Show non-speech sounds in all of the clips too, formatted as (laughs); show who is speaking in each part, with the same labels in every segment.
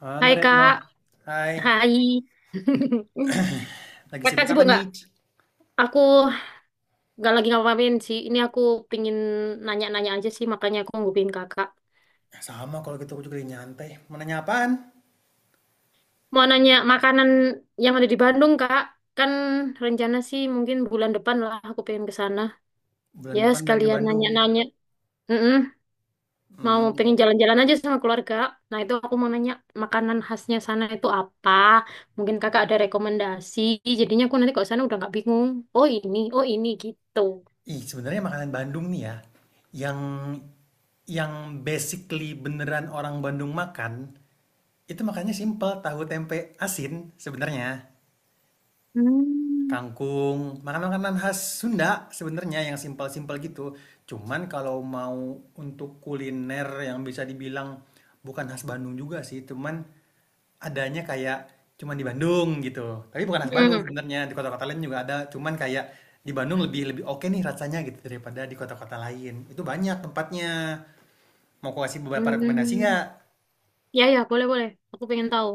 Speaker 1: Halo
Speaker 2: Hai
Speaker 1: Retno,
Speaker 2: Kak,
Speaker 1: hai.
Speaker 2: hai. (laughs)
Speaker 1: Lagi
Speaker 2: Kakak
Speaker 1: sibuk apa
Speaker 2: sibuk nggak?
Speaker 1: nih?
Speaker 2: Aku nggak lagi ngapain sih. Ini aku pingin nanya-nanya aja sih, makanya aku ngupin Kakak.
Speaker 1: Sama kalau gitu aku juga lagi nyantai. Mau nanya apaan?
Speaker 2: Mau nanya makanan yang ada di Bandung, Kak. Kan rencana sih mungkin bulan depan lah aku pengen ke sana.
Speaker 1: Bulan
Speaker 2: Ya,
Speaker 1: depan main ke
Speaker 2: sekalian
Speaker 1: Bandung.
Speaker 2: nanya-nanya. Mm-mm. Mau
Speaker 1: Hmm,
Speaker 2: pengen
Speaker 1: oh.
Speaker 2: jalan-jalan aja sama keluarga. Nah, itu aku mau nanya makanan khasnya sana itu apa? Mungkin Kakak ada rekomendasi. Jadinya aku nanti kalau sana udah nggak bingung. Oh ini gitu.
Speaker 1: Ih, sebenarnya makanan Bandung nih ya, yang yang basically beneran orang Bandung makan, itu makannya simple, tahu tempe asin sebenarnya.
Speaker 2: Hmm,
Speaker 1: Kangkung, makanan-makanan khas Sunda sebenarnya yang simpel-simpel gitu. Cuman kalau mau untuk kuliner yang bisa dibilang bukan khas Bandung juga sih, cuman adanya kayak cuman di Bandung gitu, tapi bukan khas Bandung
Speaker 2: hmm,
Speaker 1: sebenarnya, di kota-kota lain juga ada, cuman kayak di Bandung lebih lebih oke nih rasanya gitu daripada di kota-kota lain. Itu banyak tempatnya. Mau aku kasih beberapa rekomendasi
Speaker 2: hmm.
Speaker 1: nggak?
Speaker 2: Ya ya boleh boleh. Aku pengen tahu.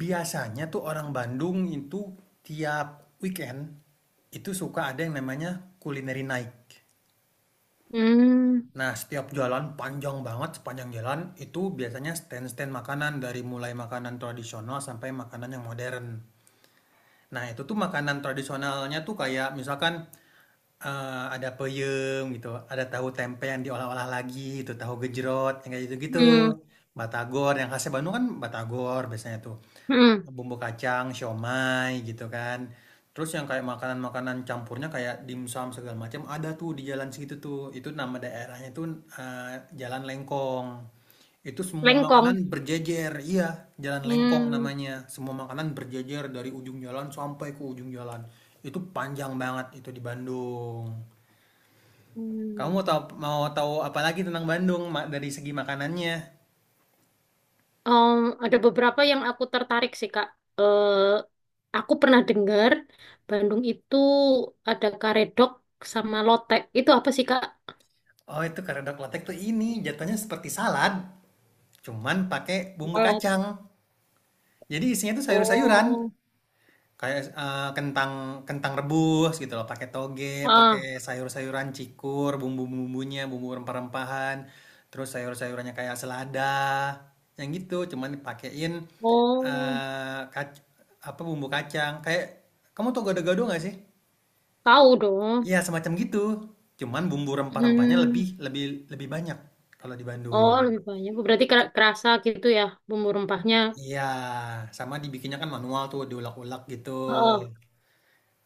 Speaker 1: Biasanya tuh orang Bandung itu tiap weekend itu suka ada yang namanya culinary night.
Speaker 2: Hmm,
Speaker 1: Nah, setiap jalan panjang banget, sepanjang jalan itu biasanya stand-stand makanan dari mulai makanan tradisional sampai makanan yang modern. Nah, itu tuh makanan tradisionalnya tuh kayak misalkan, ada peyem gitu, ada tahu tempe yang diolah-olah lagi itu, tahu gejrot yang kayak gitu-gitu,
Speaker 2: hmm,
Speaker 1: batagor yang khasnya Bandung kan batagor biasanya tuh,
Speaker 2: hmm.
Speaker 1: bumbu kacang, siomay gitu kan. Terus yang kayak makanan-makanan campurnya kayak dimsum segala macam ada tuh di jalan segitu tuh, itu nama daerahnya tuh, eee, Jalan Lengkong. Itu semua makanan
Speaker 2: Lengkong.
Speaker 1: berjejer, iya, jalan lengkong
Speaker 2: Hmm,
Speaker 1: namanya. Semua makanan berjejer dari ujung jalan sampai ke ujung jalan. Itu panjang banget itu di Bandung. Kamu mau tahu
Speaker 2: hmm.
Speaker 1: mau tahu apa lagi tentang Bandung dari segi makanannya?
Speaker 2: Em, ada beberapa yang aku tertarik sih Kak. Eh, aku pernah dengar Bandung itu ada karedok sama lotek. Itu apa sih Kak?
Speaker 1: Oh, itu karedok letek tuh ini jatuhnya seperti salad, cuman pakai bumbu
Speaker 2: Oh,
Speaker 1: kacang. Jadi isinya tuh sayur-sayuran.
Speaker 2: oh,
Speaker 1: Kayak, kentang kentang rebus gitu loh, pakai toge, pakai
Speaker 2: ah,
Speaker 1: sayur-sayuran cikur, bumbu-bumbunya, bumbu rempah-rempahan, terus sayur-sayurannya kayak selada, yang gitu. Cuman dipakein,
Speaker 2: oh,
Speaker 1: eee, kac apa, bumbu kacang. Kayak kamu tau gado-gado nggak sih?
Speaker 2: tahu dong.
Speaker 1: Iya, semacam gitu. Cuman bumbu rempah-rempahnya
Speaker 2: Hmm,
Speaker 1: lebih lebih lebih banyak kalau di
Speaker 2: oh
Speaker 1: Bandung.
Speaker 2: lebih banyak. Berarti kerasa gitu ya bumbu rempahnya.
Speaker 1: Iya, sama dibikinnya kan manual tuh, diulek-ulek gitu.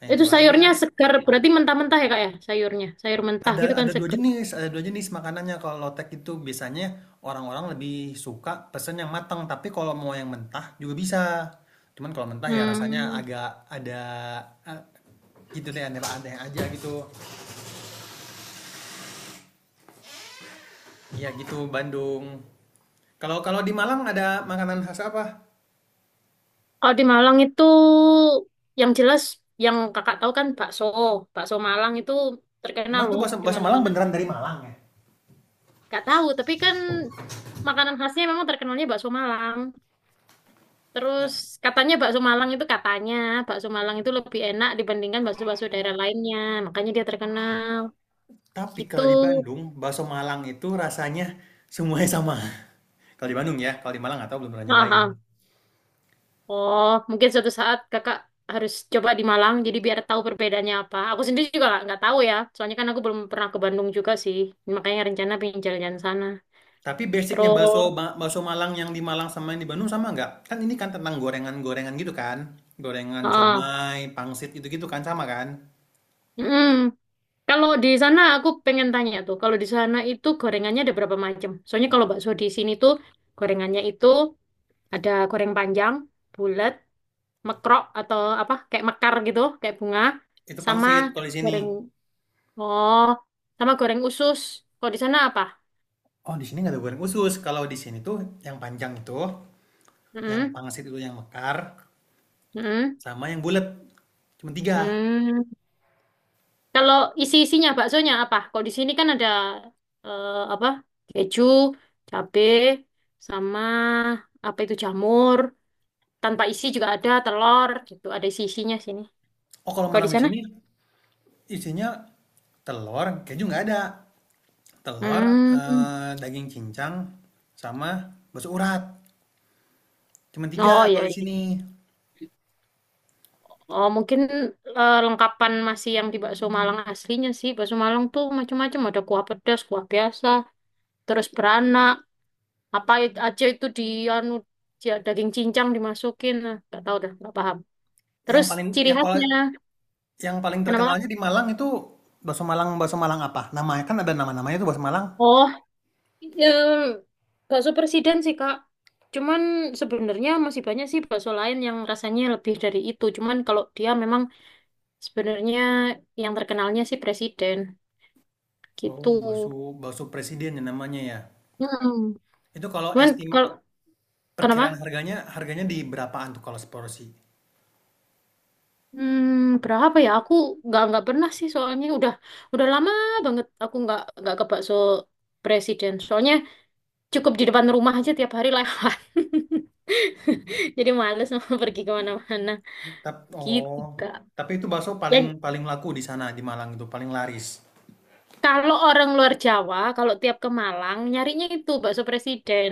Speaker 1: Nah, itu
Speaker 2: Itu
Speaker 1: aja.
Speaker 2: sayurnya segar, berarti mentah-mentah ya kak ya sayurnya. Sayur mentah gitu
Speaker 1: Ada
Speaker 2: kan
Speaker 1: ada dua
Speaker 2: segar.
Speaker 1: jenis ada 2 jenis makanannya kalau lotek itu biasanya orang-orang lebih suka pesen yang matang. Tapi kalau mau yang mentah juga bisa. Cuman kalau mentah ya rasanya
Speaker 2: Hmm.
Speaker 1: agak ada, gitu deh aneh-aneh aja gitu. Ya gitu Bandung. Kalau kalau di Malang ada makanan khas apa?
Speaker 2: Kalau di Malang itu yang jelas yang kakak tahu kan bakso. Bakso Malang itu terkenal
Speaker 1: Emang itu
Speaker 2: loh
Speaker 1: bakso
Speaker 2: di
Speaker 1: bakso Malang
Speaker 2: mana-mana.
Speaker 1: beneran dari Malang ya?
Speaker 2: Gak tahu, tapi kan makanan khasnya memang terkenalnya bakso Malang. Terus katanya bakso Malang itu lebih enak dibandingkan bakso-bakso daerah lainnya. Makanya dia terkenal.
Speaker 1: Tapi
Speaker 2: Gitu.
Speaker 1: kalau di Bandung, bakso Malang itu rasanya semuanya sama. (laughs) Kalau di Bandung ya, kalau di Malang nggak tahu belum pernah nyobain.
Speaker 2: Nah, oh, mungkin suatu saat kakak harus coba di Malang, jadi biar tahu perbedaannya apa. Aku sendiri juga nggak tahu ya, soalnya kan aku belum pernah ke Bandung juga sih. Makanya rencana pengen jalan-jalan sana.
Speaker 1: Tapi basicnya bakso
Speaker 2: Terus,
Speaker 1: bakso Malang yang di Malang sama yang di Bandung sama nggak? Kan ini kan tentang gorengan-gorengan gitu kan, gorengan
Speaker 2: ah,
Speaker 1: comai, pangsit gitu-gitu kan sama kan?
Speaker 2: mm, kalau di sana aku pengen tanya tuh, kalau di sana itu gorengannya ada berapa macam? Soalnya kalau bakso di sini tuh gorengannya itu ada goreng panjang, bulat, mekrok atau apa kayak mekar gitu, kayak bunga,
Speaker 1: Itu
Speaker 2: sama
Speaker 1: pangsit kalau di sini.
Speaker 2: goreng, oh, sama goreng usus. Kalau di sana apa?
Speaker 1: Oh di sini nggak ada goreng khusus. Kalau di sini tuh yang panjang itu, yang
Speaker 2: Mm-mm.
Speaker 1: pangsit itu yang mekar,
Speaker 2: Hmm.
Speaker 1: sama yang bulat. Cuma tiga.
Speaker 2: Hmm. Kalau isi-isinya baksonya apa? Kalau di sini kan ada eh, apa? Keju, cabe, sama apa itu jamur. Tanpa isi juga ada telur gitu. Ada isi-isinya sini.
Speaker 1: Oh kalau
Speaker 2: Kalau
Speaker 1: Malang
Speaker 2: di
Speaker 1: di
Speaker 2: sana?
Speaker 1: sini isinya telur, keju nggak ada. Telur,
Speaker 2: Hmm.
Speaker 1: eh, daging cincang, sama bakso urat. Cuma tiga
Speaker 2: Oh iya,
Speaker 1: kalau di
Speaker 2: iya.
Speaker 1: sini.
Speaker 2: Oh mungkin eh, lengkapan masih yang di bakso Malang aslinya sih. Bakso Malang tuh macam-macam. Ada kuah pedas, kuah biasa, terus beranak. Apa aja itu di anu, daging cincang dimasukin. Nah, nggak tahu dah, nggak paham.
Speaker 1: Yang
Speaker 2: Terus
Speaker 1: paling
Speaker 2: ciri
Speaker 1: ya kalau
Speaker 2: khasnya,
Speaker 1: Yang paling
Speaker 2: kenapa Kak?
Speaker 1: terkenalnya di Malang itu bakso Malang apa? Namanya kan ada nama-namanya itu bakso Malang.
Speaker 2: Oh, em, bakso presiden sih Kak. Cuman sebenarnya masih banyak sih bakso lain yang rasanya lebih dari itu. Cuman kalau dia memang sebenarnya yang terkenalnya sih presiden
Speaker 1: Oh,
Speaker 2: gitu.
Speaker 1: bakso bakso presiden ya namanya ya.
Speaker 2: Hmm.
Speaker 1: Itu kalau
Speaker 2: Cuman kalau kenapa?
Speaker 1: perkiraan harganya harganya di berapaan tuh kalau seporsi?
Speaker 2: Hmm, berapa ya? Aku nggak pernah sih soalnya udah lama banget aku nggak ke bakso presiden. Soalnya cukup di depan rumah aja tiap hari lewat. (laughs) Jadi males mau pergi kemana-mana. Gitu,
Speaker 1: Oh,
Speaker 2: Kak.
Speaker 1: tapi itu bakso
Speaker 2: Ya,
Speaker 1: paling paling laku di sana di Malang itu paling laris.
Speaker 2: kalau orang luar Jawa, kalau tiap ke Malang, nyarinya itu bakso presiden.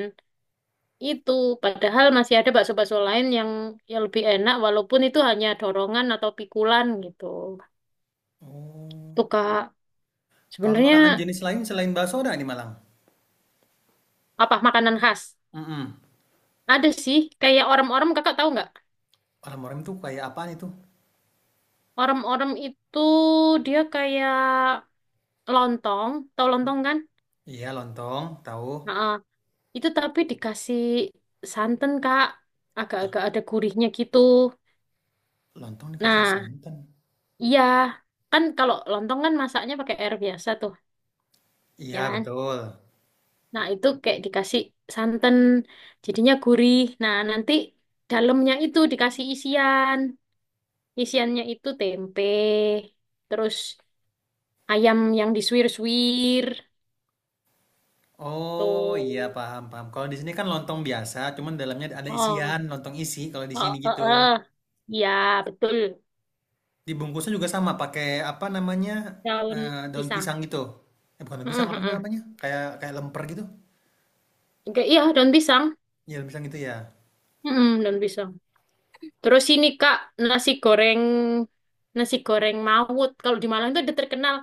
Speaker 2: Itu, padahal masih ada bakso-bakso lain yang lebih enak, walaupun itu hanya dorongan atau pikulan gitu.
Speaker 1: Oh,
Speaker 2: Tuh, Kak,
Speaker 1: kalau
Speaker 2: sebenarnya
Speaker 1: makanan jenis lain selain bakso ada di Malang?
Speaker 2: apa makanan khas?
Speaker 1: Mm-mm.
Speaker 2: Ada sih, kayak orang-orang, kakak tahu nggak?
Speaker 1: Orang-orang kayak apaan itu?
Speaker 2: Orang-orang itu dia kayak lontong, tahu lontong kan?
Speaker 1: Iya, lontong, tahu.
Speaker 2: Nah, itu tapi dikasih santan, Kak. Agak-agak ada gurihnya gitu.
Speaker 1: Lontong dikasih
Speaker 2: Nah,
Speaker 1: santan.
Speaker 2: iya, kan kalau lontong kan masaknya pakai air biasa tuh, ya
Speaker 1: Iya,
Speaker 2: kan?
Speaker 1: betul.
Speaker 2: Nah, itu kayak dikasih santan, jadinya gurih. Nah, nanti dalamnya itu dikasih isian. Isiannya itu tempe, terus ayam yang disuir-suir,
Speaker 1: Oh iya
Speaker 2: tuh.
Speaker 1: paham paham. Kalau di sini kan lontong biasa, cuman dalamnya ada isian
Speaker 2: Oh,
Speaker 1: lontong isi. Kalau di sini
Speaker 2: oh, oh,
Speaker 1: gitu,
Speaker 2: oh. Iya, betul.
Speaker 1: dibungkusnya juga sama pakai apa namanya
Speaker 2: Daun
Speaker 1: eh, daun
Speaker 2: pisang.
Speaker 1: pisang gitu. Eh bukan daun
Speaker 2: Mm,
Speaker 1: pisang
Speaker 2: mm,
Speaker 1: apa sih
Speaker 2: mm.
Speaker 1: namanya? Kayak kayak lemper gitu.
Speaker 2: Oke, iya, daun pisang.
Speaker 1: Ya daun pisang gitu ya.
Speaker 2: Mm, mm, daun pisang. Terus ini Kak, nasi goreng nasi goreng Mawut. Kalau di Malang itu udah terkenal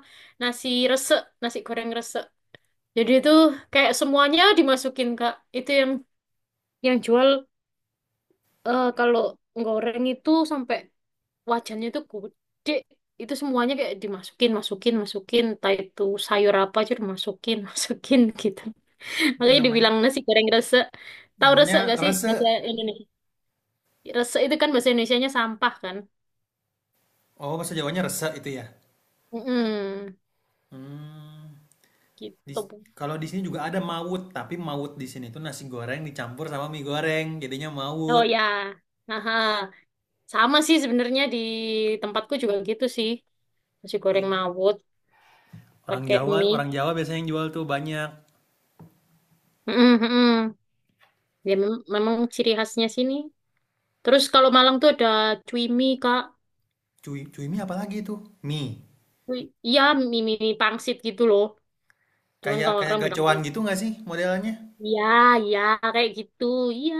Speaker 2: nasi resek, nasi goreng resek. Jadi itu kayak semuanya dimasukin Kak. Itu yang jual eh, kalau goreng itu sampai wajannya itu gede. Itu semuanya kayak dimasukin, masukin, masukin. Entah itu sayur apa aja dimasukin, (laughs) masukin gitu.
Speaker 1: Itu
Speaker 2: Makanya
Speaker 1: namanya
Speaker 2: dibilang nasi goreng resek. Tahu
Speaker 1: namanya
Speaker 2: resek gak sih bahasa
Speaker 1: rese.
Speaker 2: Indonesia? Resek itu kan bahasa Indonesianya sampah kan.
Speaker 1: Oh bahasa Jawanya rese itu ya.
Speaker 2: Mm-mm.
Speaker 1: Hmm. Di,
Speaker 2: Gitu.
Speaker 1: Kalau di sini juga ada mawut, tapi mawut di sini itu nasi goreng dicampur sama mie goreng, jadinya mawut.
Speaker 2: Oh ya, haha. Sama sih sebenarnya di tempatku juga gitu sih. Nasi goreng
Speaker 1: Ih.
Speaker 2: mawut
Speaker 1: Orang
Speaker 2: pakai
Speaker 1: Jawa,
Speaker 2: mie.
Speaker 1: orang Jawa biasanya yang jual tuh banyak.
Speaker 2: Mm-mm, mm mm. Ya memang ciri khasnya sini. Terus kalau Malang tuh ada cui mie, Kak.
Speaker 1: Cuy mie apa lagi itu? Mie.
Speaker 2: Cui, iya, mie pangsit gitu loh. Cuman
Speaker 1: Kayak
Speaker 2: kalau
Speaker 1: kayak
Speaker 2: orang bilang
Speaker 1: gacoan gitu nggak sih modelnya?
Speaker 2: iya, iya kayak gitu. Iya,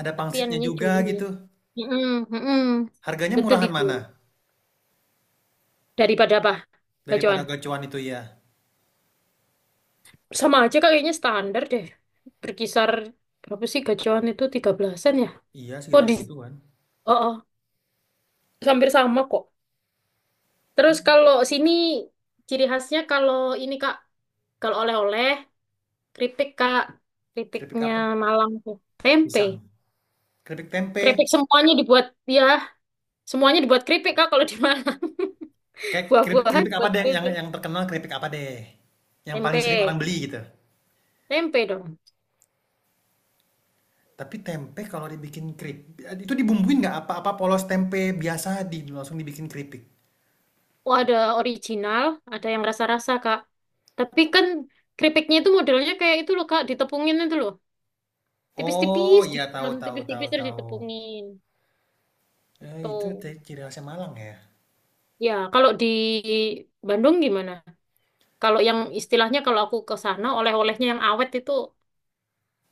Speaker 1: Ada
Speaker 2: tapi yang
Speaker 1: pangsitnya
Speaker 2: namanya
Speaker 1: juga
Speaker 2: cui mie.
Speaker 1: gitu.
Speaker 2: Mm-mm, mm-mm.
Speaker 1: Harganya
Speaker 2: Betul
Speaker 1: murahan
Speaker 2: itu.
Speaker 1: mana?
Speaker 2: Daripada apa? Bacoan.
Speaker 1: Daripada gacoan itu ya.
Speaker 2: Sama aja kayaknya standar deh. Berkisar berapa sih gajian itu 13-an ya?
Speaker 1: Iya,
Speaker 2: Oh
Speaker 1: sekitar
Speaker 2: di
Speaker 1: gituan kan.
Speaker 2: Oh, oh, hampir sama kok. Terus kalau sini ciri khasnya kalau ini Kak, kalau oleh-oleh keripik Kak,
Speaker 1: Keripik
Speaker 2: keripiknya
Speaker 1: apa?
Speaker 2: Malang tuh. Tempe.
Speaker 1: Pisang. Keripik tempe.
Speaker 2: Keripik semuanya dibuat ya, semuanya dibuat keripik Kak kalau di Malang.
Speaker 1: Kayak
Speaker 2: (laughs)
Speaker 1: keripik,
Speaker 2: Buah-buahan
Speaker 1: keripik apa
Speaker 2: buat
Speaker 1: deh yang
Speaker 2: keripik.
Speaker 1: yang terkenal keripik apa deh? Yang paling sering orang
Speaker 2: Tempe.
Speaker 1: beli gitu.
Speaker 2: Tempe dong.
Speaker 1: Tapi tempe kalau dibikin keripik itu dibumbuin nggak apa-apa polos tempe biasa langsung dibikin keripik.
Speaker 2: Oh, ada original, ada yang rasa-rasa, Kak. Tapi kan keripiknya itu modelnya kayak itu loh, Kak, ditepungin itu loh.
Speaker 1: Oh
Speaker 2: Tipis-tipis,
Speaker 1: iya tahu
Speaker 2: diperon
Speaker 1: tahu tahu
Speaker 2: tipis-tipis terus
Speaker 1: tahu.
Speaker 2: ditepungin.
Speaker 1: Eh,
Speaker 2: Gitu.
Speaker 1: itu ciri khasnya Malang ya.
Speaker 2: Ya, kalau di Bandung gimana? Kalau yang istilahnya kalau aku ke sana, oleh-olehnya yang awet itu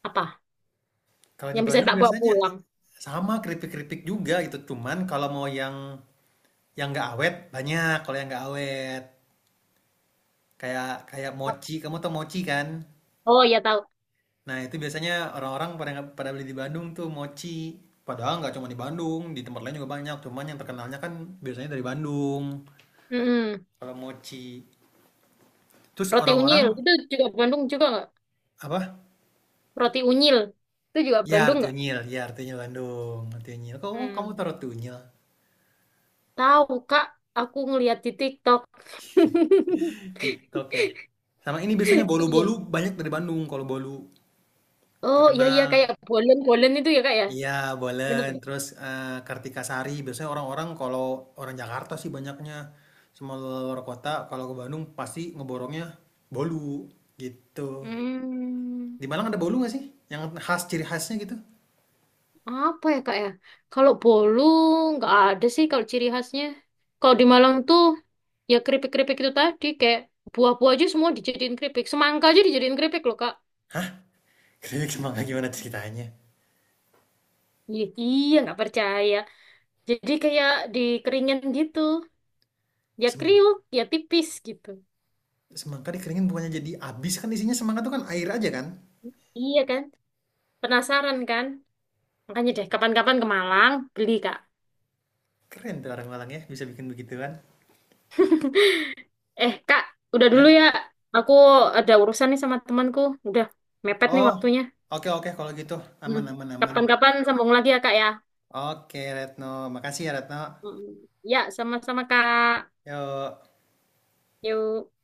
Speaker 2: apa?
Speaker 1: Kalau di
Speaker 2: Yang bisa
Speaker 1: Bandung
Speaker 2: tak bawa
Speaker 1: biasanya
Speaker 2: pulang.
Speaker 1: sama keripik-keripik juga gitu. Cuman kalau mau yang nggak awet banyak. Kalau yang nggak awet kayak kayak mochi. Kamu tau mochi kan?
Speaker 2: Oh, ya tahu.
Speaker 1: Nah itu biasanya orang-orang pada pada beli di Bandung tuh mochi. Padahal nggak cuma di Bandung, di tempat lain juga banyak. Cuman yang terkenalnya kan biasanya dari Bandung.
Speaker 2: Mm-mm.
Speaker 1: Kalau mochi. Terus
Speaker 2: Roti unyil,
Speaker 1: orang-orang
Speaker 2: itu juga Bandung juga nggak?
Speaker 1: apa?
Speaker 2: Roti unyil, itu juga
Speaker 1: Yar
Speaker 2: Bandung nggak?
Speaker 1: Tunyil, Yar Tunyil Bandung, Tunyil. Kok kamu kamu
Speaker 2: Hmm.
Speaker 1: taruh Tunyil?
Speaker 2: Tahu, Kak. Aku ngeliat di TikTok. (laughs)
Speaker 1: TikTok ya. Sama ini biasanya
Speaker 2: Iya.
Speaker 1: bolu-bolu banyak dari Bandung kalau bolu.
Speaker 2: Oh iya iya
Speaker 1: Terkenal.
Speaker 2: kayak bolen-bolen itu ya kak ya.
Speaker 1: Iya,
Speaker 2: Bener
Speaker 1: Bolen.
Speaker 2: ya?
Speaker 1: Terus eh, Kartika Sari. Biasanya orang-orang kalau orang Jakarta sih banyaknya sama luar kota. Kalau ke Bandung pasti ngeborongnya bolu gitu.
Speaker 2: Hmm,
Speaker 1: Di Malang ada bolu nggak sih? Yang khas ciri khasnya gitu?
Speaker 2: apa ya kak ya? Kalau bolu nggak ada sih kalau ciri khasnya. Kalau di Malang tuh ya keripik-keripik itu tadi kayak buah-buah aja semua dijadiin keripik. Semangka aja dijadiin keripik loh kak.
Speaker 1: Hah? Keripik semangka (laughs) gimana ceritanya?
Speaker 2: Iya, iya nggak percaya. Jadi kayak dikeringin gitu. Ya
Speaker 1: Semangka.
Speaker 2: kriuk, ya tipis gitu.
Speaker 1: Semangka dikeringin bukannya jadi abis kan isinya semangka tuh kan air aja kan?
Speaker 2: Iya kan? Penasaran kan? Makanya deh kapan-kapan ke Malang beli kak.
Speaker 1: Keren tuh orang Malang ya bisa bikin begituan.
Speaker 2: Eh, Kak, udah dulu
Speaker 1: Ya.
Speaker 2: ya. Aku ada urusan nih sama temanku. Udah mepet nih
Speaker 1: Oh.
Speaker 2: waktunya.
Speaker 1: Oke oke kalau gitu
Speaker 2: Hmm.
Speaker 1: aman aman aman.
Speaker 2: Kapan-kapan sambung lagi ya, Kak ya.
Speaker 1: Oke Retno, makasih ya Retno.
Speaker 2: Mm, ya, sama-sama, Kak.
Speaker 1: Ya.
Speaker 2: Yuk.